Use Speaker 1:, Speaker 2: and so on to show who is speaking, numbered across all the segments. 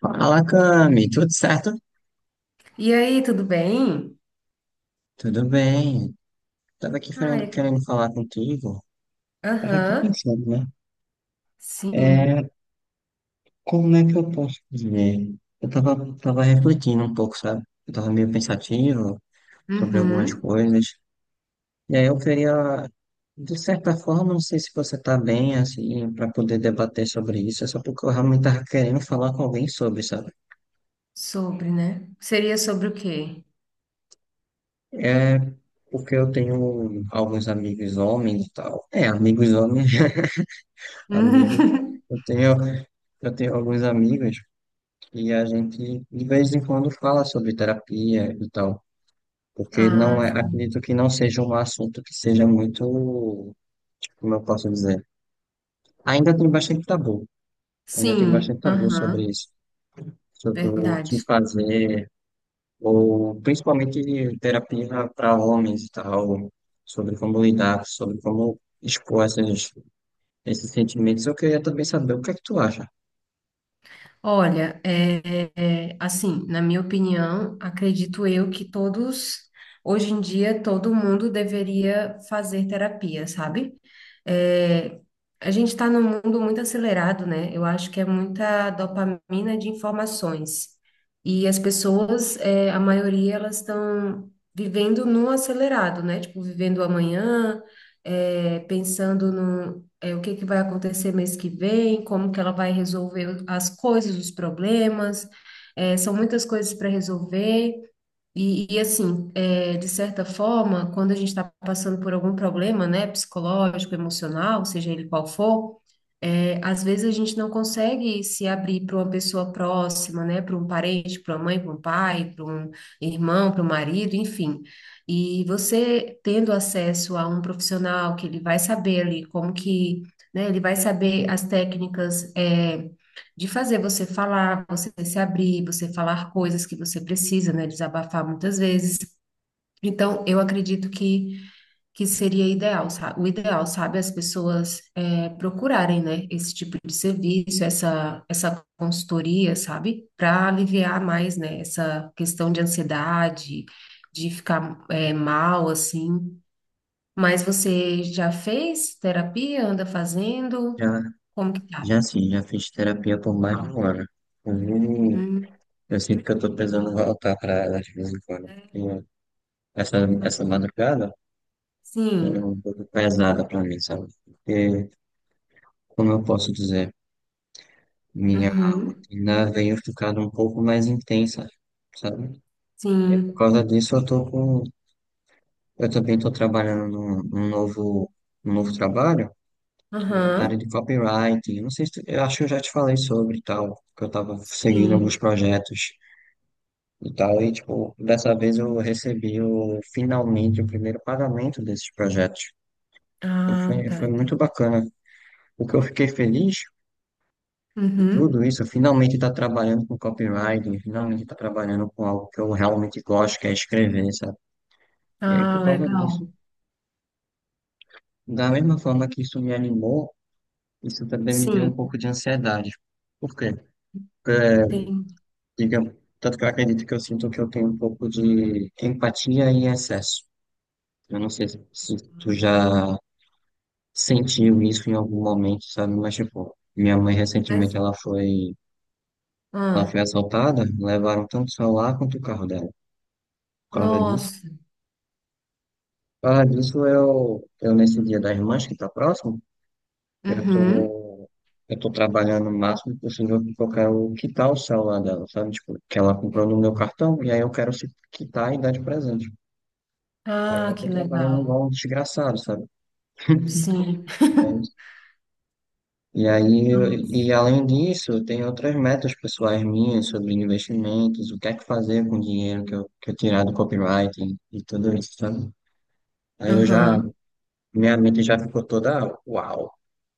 Speaker 1: Fala, Cami, tudo certo?
Speaker 2: E aí, tudo bem?
Speaker 1: Tudo bem. Tava aqui
Speaker 2: Ah,
Speaker 1: querendo,
Speaker 2: é que-
Speaker 1: querendo falar contigo. Tava aqui
Speaker 2: Aham,
Speaker 1: pensando, né?
Speaker 2: sim.
Speaker 1: É, Como é que eu posso dizer? Eu tava refletindo um pouco, sabe? Eu tava meio pensativo sobre algumas
Speaker 2: Uhum.
Speaker 1: coisas. E aí eu queria, de certa forma, não sei se você tá bem, assim, para poder debater sobre isso. É só porque eu realmente tava querendo falar com alguém sobre, sabe?
Speaker 2: Sobre, né? Seria sobre o quê?
Speaker 1: É porque eu tenho alguns amigos homens e tal. É, amigos homens, amigos. Eu tenho Eu tenho alguns amigos que a gente de vez em quando fala sobre terapia e tal, porque não
Speaker 2: Ah,
Speaker 1: é,
Speaker 2: sim.
Speaker 1: acredito que não seja um assunto que seja muito, tipo, como eu posso dizer, ainda tem bastante tabu, ainda tem bastante
Speaker 2: Sim,
Speaker 1: tabu sobre
Speaker 2: aham,
Speaker 1: isso, sobre o que
Speaker 2: verdade.
Speaker 1: fazer, ou principalmente terapia para homens e tal, sobre como lidar, sobre como expor esses sentimentos. Eu queria também saber o que é que tu acha.
Speaker 2: Olha, assim, na minha opinião, acredito eu que todos, hoje em dia, todo mundo deveria fazer terapia, sabe? É, a gente está num mundo muito acelerado, né? Eu acho que é muita dopamina de informações. E as pessoas, a maioria, elas estão vivendo no acelerado, né? Tipo, vivendo o amanhã, pensando o que que vai acontecer mês que vem, como que ela vai resolver as coisas, os problemas, são muitas coisas para resolver. E assim, de certa forma, quando a gente está passando por algum problema, né, psicológico, emocional, seja ele qual for, às vezes a gente não consegue se abrir para uma pessoa próxima, né? Para um parente, para uma mãe, para um pai, para um irmão, para um marido, enfim. E você tendo acesso a um profissional que ele vai saber ali como que, né? Ele vai saber as técnicas de fazer você falar, você se abrir, você falar coisas que você precisa, né? Desabafar muitas vezes. Então, eu acredito que seria ideal, sabe? O ideal, sabe, as pessoas procurarem, né, esse tipo de serviço, essa consultoria, sabe, para aliviar mais, né, essa questão de ansiedade, de ficar mal, assim. Mas você já fez terapia? Anda fazendo?
Speaker 1: Já
Speaker 2: Como que tá?
Speaker 1: Já sim, já fiz terapia por mais de um ano. Inclusive,
Speaker 2: Hum,
Speaker 1: eu sinto que eu tô precisando voltar para ela de vez em quando, porque essa, essa madrugada foi um
Speaker 2: sim.
Speaker 1: pouco pesada para mim, sabe? Porque, como eu posso dizer, minha
Speaker 2: Uhum.
Speaker 1: rotina veio ficando um pouco mais intensa, sabe? Por
Speaker 2: Sim.
Speaker 1: causa disso, eu também tô trabalhando num novo trabalho, que é na área de
Speaker 2: Aham.
Speaker 1: copywriting. Eu Não sei se, eu acho que eu já te falei sobre e tal, que eu tava seguindo alguns
Speaker 2: Sim.
Speaker 1: projetos e tal. E, tipo, dessa vez eu recebi finalmente o primeiro pagamento desses projetos. Então
Speaker 2: Ah, tá.
Speaker 1: foi muito
Speaker 2: Entendi.
Speaker 1: bacana. O que eu fiquei feliz de tudo
Speaker 2: Uhum.
Speaker 1: isso, eu finalmente estar trabalhando com copywriting, finalmente estar trabalhando com algo que eu realmente gosto, que é escrever, sabe? E aí,
Speaker 2: Ah,
Speaker 1: por causa
Speaker 2: legal.
Speaker 1: disso, da mesma forma que isso me animou, isso também me deu
Speaker 2: Sim.
Speaker 1: um pouco de ansiedade. Por quê? Porque,
Speaker 2: Entendi.
Speaker 1: digamos, tanto que eu acredito que eu sinto que eu tenho um pouco de empatia em excesso. Eu não sei se tu já sentiu isso em algum momento, sabe? Mas, tipo, minha mãe recentemente
Speaker 2: Mas,
Speaker 1: ela
Speaker 2: ah,
Speaker 1: foi assaltada, levaram tanto o celular quanto o carro dela. Por causa disso.
Speaker 2: nossa.
Speaker 1: Por causa disso, eu nesse dia das mães que tá próximo, eu
Speaker 2: Uhum.
Speaker 1: tô, eu tô trabalhando o máximo possível porque eu quero quitar o celular dela, sabe? Tipo, que ela comprou no meu cartão e aí eu quero se quitar e dar de presente. Aí
Speaker 2: Ah,
Speaker 1: eu
Speaker 2: que
Speaker 1: tô trabalhando
Speaker 2: legal.
Speaker 1: igual um desgraçado, sabe?
Speaker 2: Sim.
Speaker 1: E aí, e
Speaker 2: Nossa.
Speaker 1: além disso, tem outras metas pessoais minhas sobre investimentos, o que é que fazer com o dinheiro que eu tirar do copyright e tudo isso, sabe? Aí eu já,
Speaker 2: Aham.
Speaker 1: minha mente já ficou toda, uau, o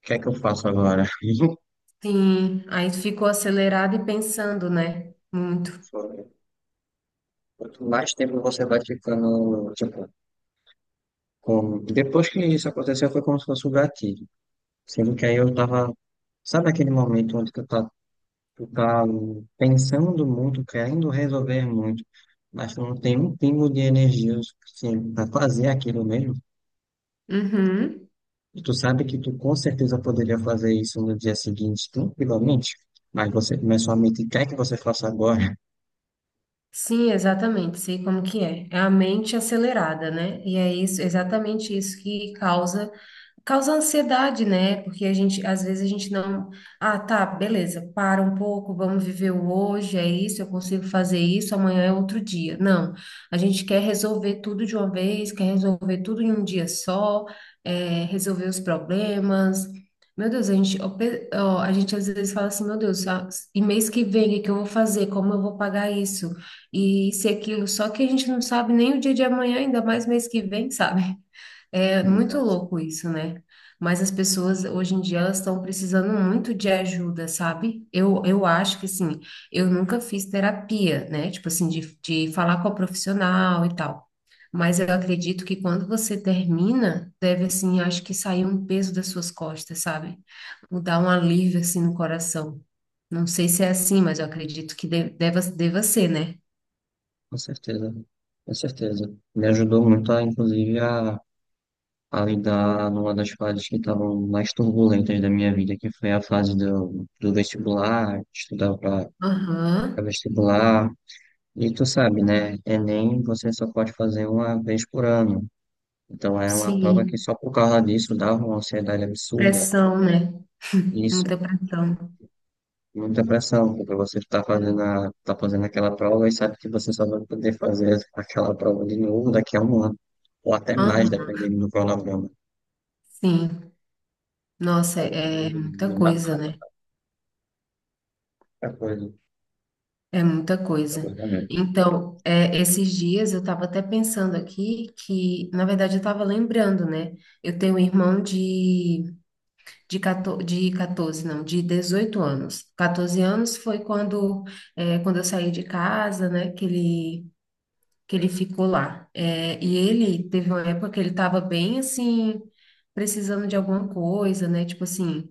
Speaker 1: que é que eu faço agora?
Speaker 2: Sim. Aí ficou acelerado e pensando, né? Muito.
Speaker 1: Foi- Quanto mais tempo você vai ficando, tipo, com depois que isso aconteceu foi como se fosse um gatilho, sendo que aí eu tava, sabe aquele momento onde que tu tá pensando muito, querendo resolver muito, mas tu não tem um pingo de energia o suficiente para fazer aquilo mesmo.
Speaker 2: Uhum.
Speaker 1: E tu sabe que tu com certeza poderia fazer isso no dia seguinte, tranquilamente, mas você começou a mente quer que você faça agora.
Speaker 2: Sim, exatamente. Sei como que é. É a mente acelerada, né? E é isso, exatamente isso que causa. Causa ansiedade, né? Porque a gente, às vezes a gente não, ah, tá, beleza, para um pouco, vamos viver o hoje, é isso, eu consigo fazer isso, amanhã é outro dia. Não, a gente quer resolver tudo de uma vez, quer resolver tudo em um dia só, resolver os problemas. Meu Deus, a gente, ó, pe- ó, a gente às vezes fala assim, meu Deus, ah, e mês que vem, o que que eu vou fazer? Como eu vou pagar isso? E isso e aquilo, só que a gente não sabe nem o dia de amanhã, ainda mais mês que vem, sabe? É muito
Speaker 1: Exato.
Speaker 2: louco isso, né? Mas as pessoas hoje em dia elas estão precisando muito de ajuda, sabe? Eu acho que assim, eu nunca fiz terapia, né? Tipo assim, de falar com a profissional e tal. Mas eu acredito que quando você termina, deve assim, acho que sair um peso das suas costas, sabe? Dar um alívio assim no coração. Não sei se é assim, mas eu acredito que de- deva ser, né?
Speaker 1: Com com certeza. Me ajudou muito, inclusive, a lidar numa das fases que estavam mais turbulentas da minha vida, que foi a fase do vestibular, estudar para
Speaker 2: Aham,
Speaker 1: vestibular. E tu sabe, né? Enem você só pode fazer uma vez por ano. Então é uma prova que
Speaker 2: sim.
Speaker 1: só por causa disso dava uma ansiedade absurda.
Speaker 2: Pressão, né?
Speaker 1: Isso,
Speaker 2: Muita pressão.
Speaker 1: muita pressão, porque você está fazendo, tá fazendo aquela prova e sabe que você só vai poder fazer aquela prova de novo daqui a um ano, ou até mais,
Speaker 2: Aham,
Speaker 1: dependendo do cronograma.
Speaker 2: sim. Nossa,
Speaker 1: Algo que
Speaker 2: é
Speaker 1: Me
Speaker 2: muita
Speaker 1: me
Speaker 2: coisa,
Speaker 1: matou
Speaker 2: né?
Speaker 1: muita coisa,
Speaker 2: É muita
Speaker 1: muita
Speaker 2: coisa.
Speaker 1: coisa mesmo.
Speaker 2: Então, esses dias eu estava até pensando aqui que, na verdade, eu estava lembrando, né? Eu tenho um irmão de 14, não, de 18 anos. 14 anos foi quando, quando eu saí de casa, né? Que ele ficou lá. É, e ele teve uma época que ele estava bem assim, precisando de alguma coisa, né? Tipo assim.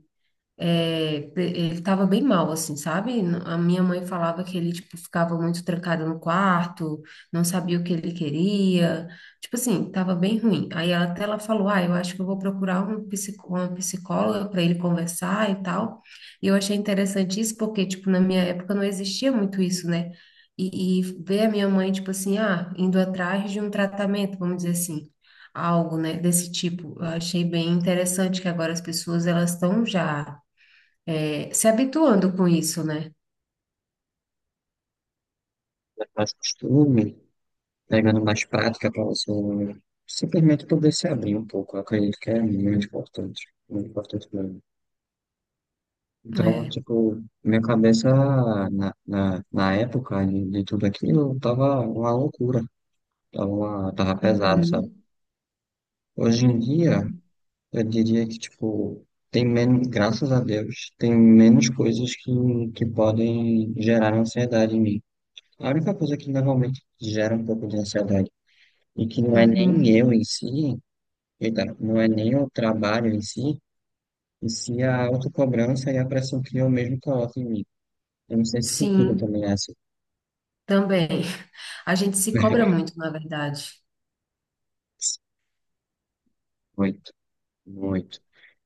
Speaker 2: É, pre- ele tava bem mal, assim, sabe? N- A minha mãe falava que ele, tipo, ficava muito trancado no quarto, não sabia o que ele queria, tipo assim, tava bem ruim. Aí ela- até ela falou, ah, eu acho que eu vou procurar um psico, uma psicóloga para ele conversar e tal. E eu achei interessante isso porque, tipo, na minha época não existia muito isso, né? E ver a minha mãe, tipo assim, ah, indo atrás de um tratamento, vamos dizer assim algo, né, desse tipo. Eu achei bem interessante que agora as pessoas elas estão já se habituando com isso, né?
Speaker 1: Mais costume, pegando mais prática para você simplesmente poder se abrir um pouco. Eu acredito que é muito importante mesmo. Então,
Speaker 2: É.
Speaker 1: tipo, minha cabeça na época de tudo aquilo tava uma loucura, tava pesado, sabe?
Speaker 2: Uhum,
Speaker 1: Hoje em dia, eu diria que, tipo, tem menos, graças a Deus, tem menos coisas que podem gerar ansiedade em mim. A única coisa que normalmente gera um pouco de ansiedade, e que não é nem
Speaker 2: uhum.
Speaker 1: eu em si, eita, não é nem o trabalho em si, e sim a autocobrança e a pressão que eu mesmo coloco em mim. Eu não sei se contigo
Speaker 2: Sim,
Speaker 1: também é assim.
Speaker 2: também. A gente se cobra muito, na verdade.
Speaker 1: Muito, muito.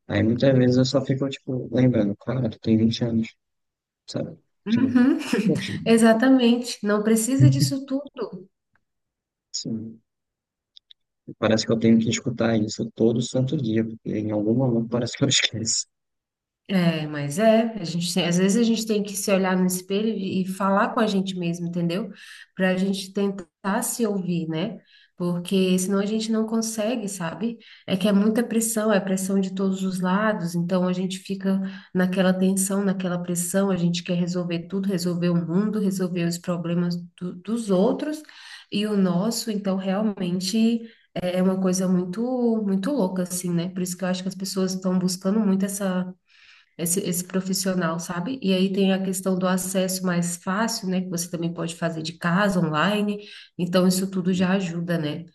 Speaker 1: Aí muitas vezes eu só fico, tipo, lembrando, cara, tu tem 20 anos, sabe? Tipo,
Speaker 2: Uhum,
Speaker 1: poxa,
Speaker 2: exatamente. Não precisa disso tudo.
Speaker 1: assim, parece que eu tenho que escutar isso todo santo dia, porque em algum momento parece que eu esqueço.
Speaker 2: É, mas é, a gente tem- às vezes a gente tem que se olhar no espelho e falar com a gente mesmo, entendeu? Para a gente tentar se ouvir, né? Porque senão a gente não consegue, sabe? É que é muita pressão, é pressão de todos os lados, então a gente fica naquela tensão, naquela pressão, a gente quer resolver tudo, resolver o mundo, resolver os problemas do- dos outros e o nosso, então realmente é uma coisa muito, muito louca, assim, né? Por isso que eu acho que as pessoas estão buscando muito essa esse profissional, sabe? E aí tem a questão do acesso mais fácil, né? Que você também pode fazer de casa, online. Então, isso tudo já ajuda, né?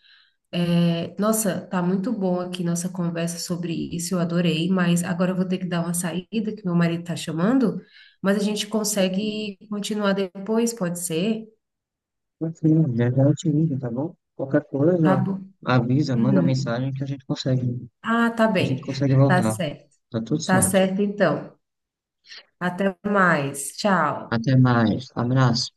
Speaker 2: É, nossa, tá muito bom aqui nossa conversa sobre isso, eu adorei, mas agora eu vou ter que dar uma saída, que meu marido tá chamando, mas a gente consegue continuar depois, pode ser?
Speaker 1: Mas sim, já já eu te ligo, tá bom? Qualquer
Speaker 2: Tá
Speaker 1: coisa,
Speaker 2: bom.
Speaker 1: avisa, manda
Speaker 2: Hum.
Speaker 1: mensagem que a gente consegue,
Speaker 2: Ah, tá
Speaker 1: que a
Speaker 2: bem.
Speaker 1: gente consegue
Speaker 2: Tá
Speaker 1: voltar.
Speaker 2: certo.
Speaker 1: Tá tudo
Speaker 2: Tá
Speaker 1: certo.
Speaker 2: certo, então. Até mais. Tchau.
Speaker 1: Até mais. Abraço.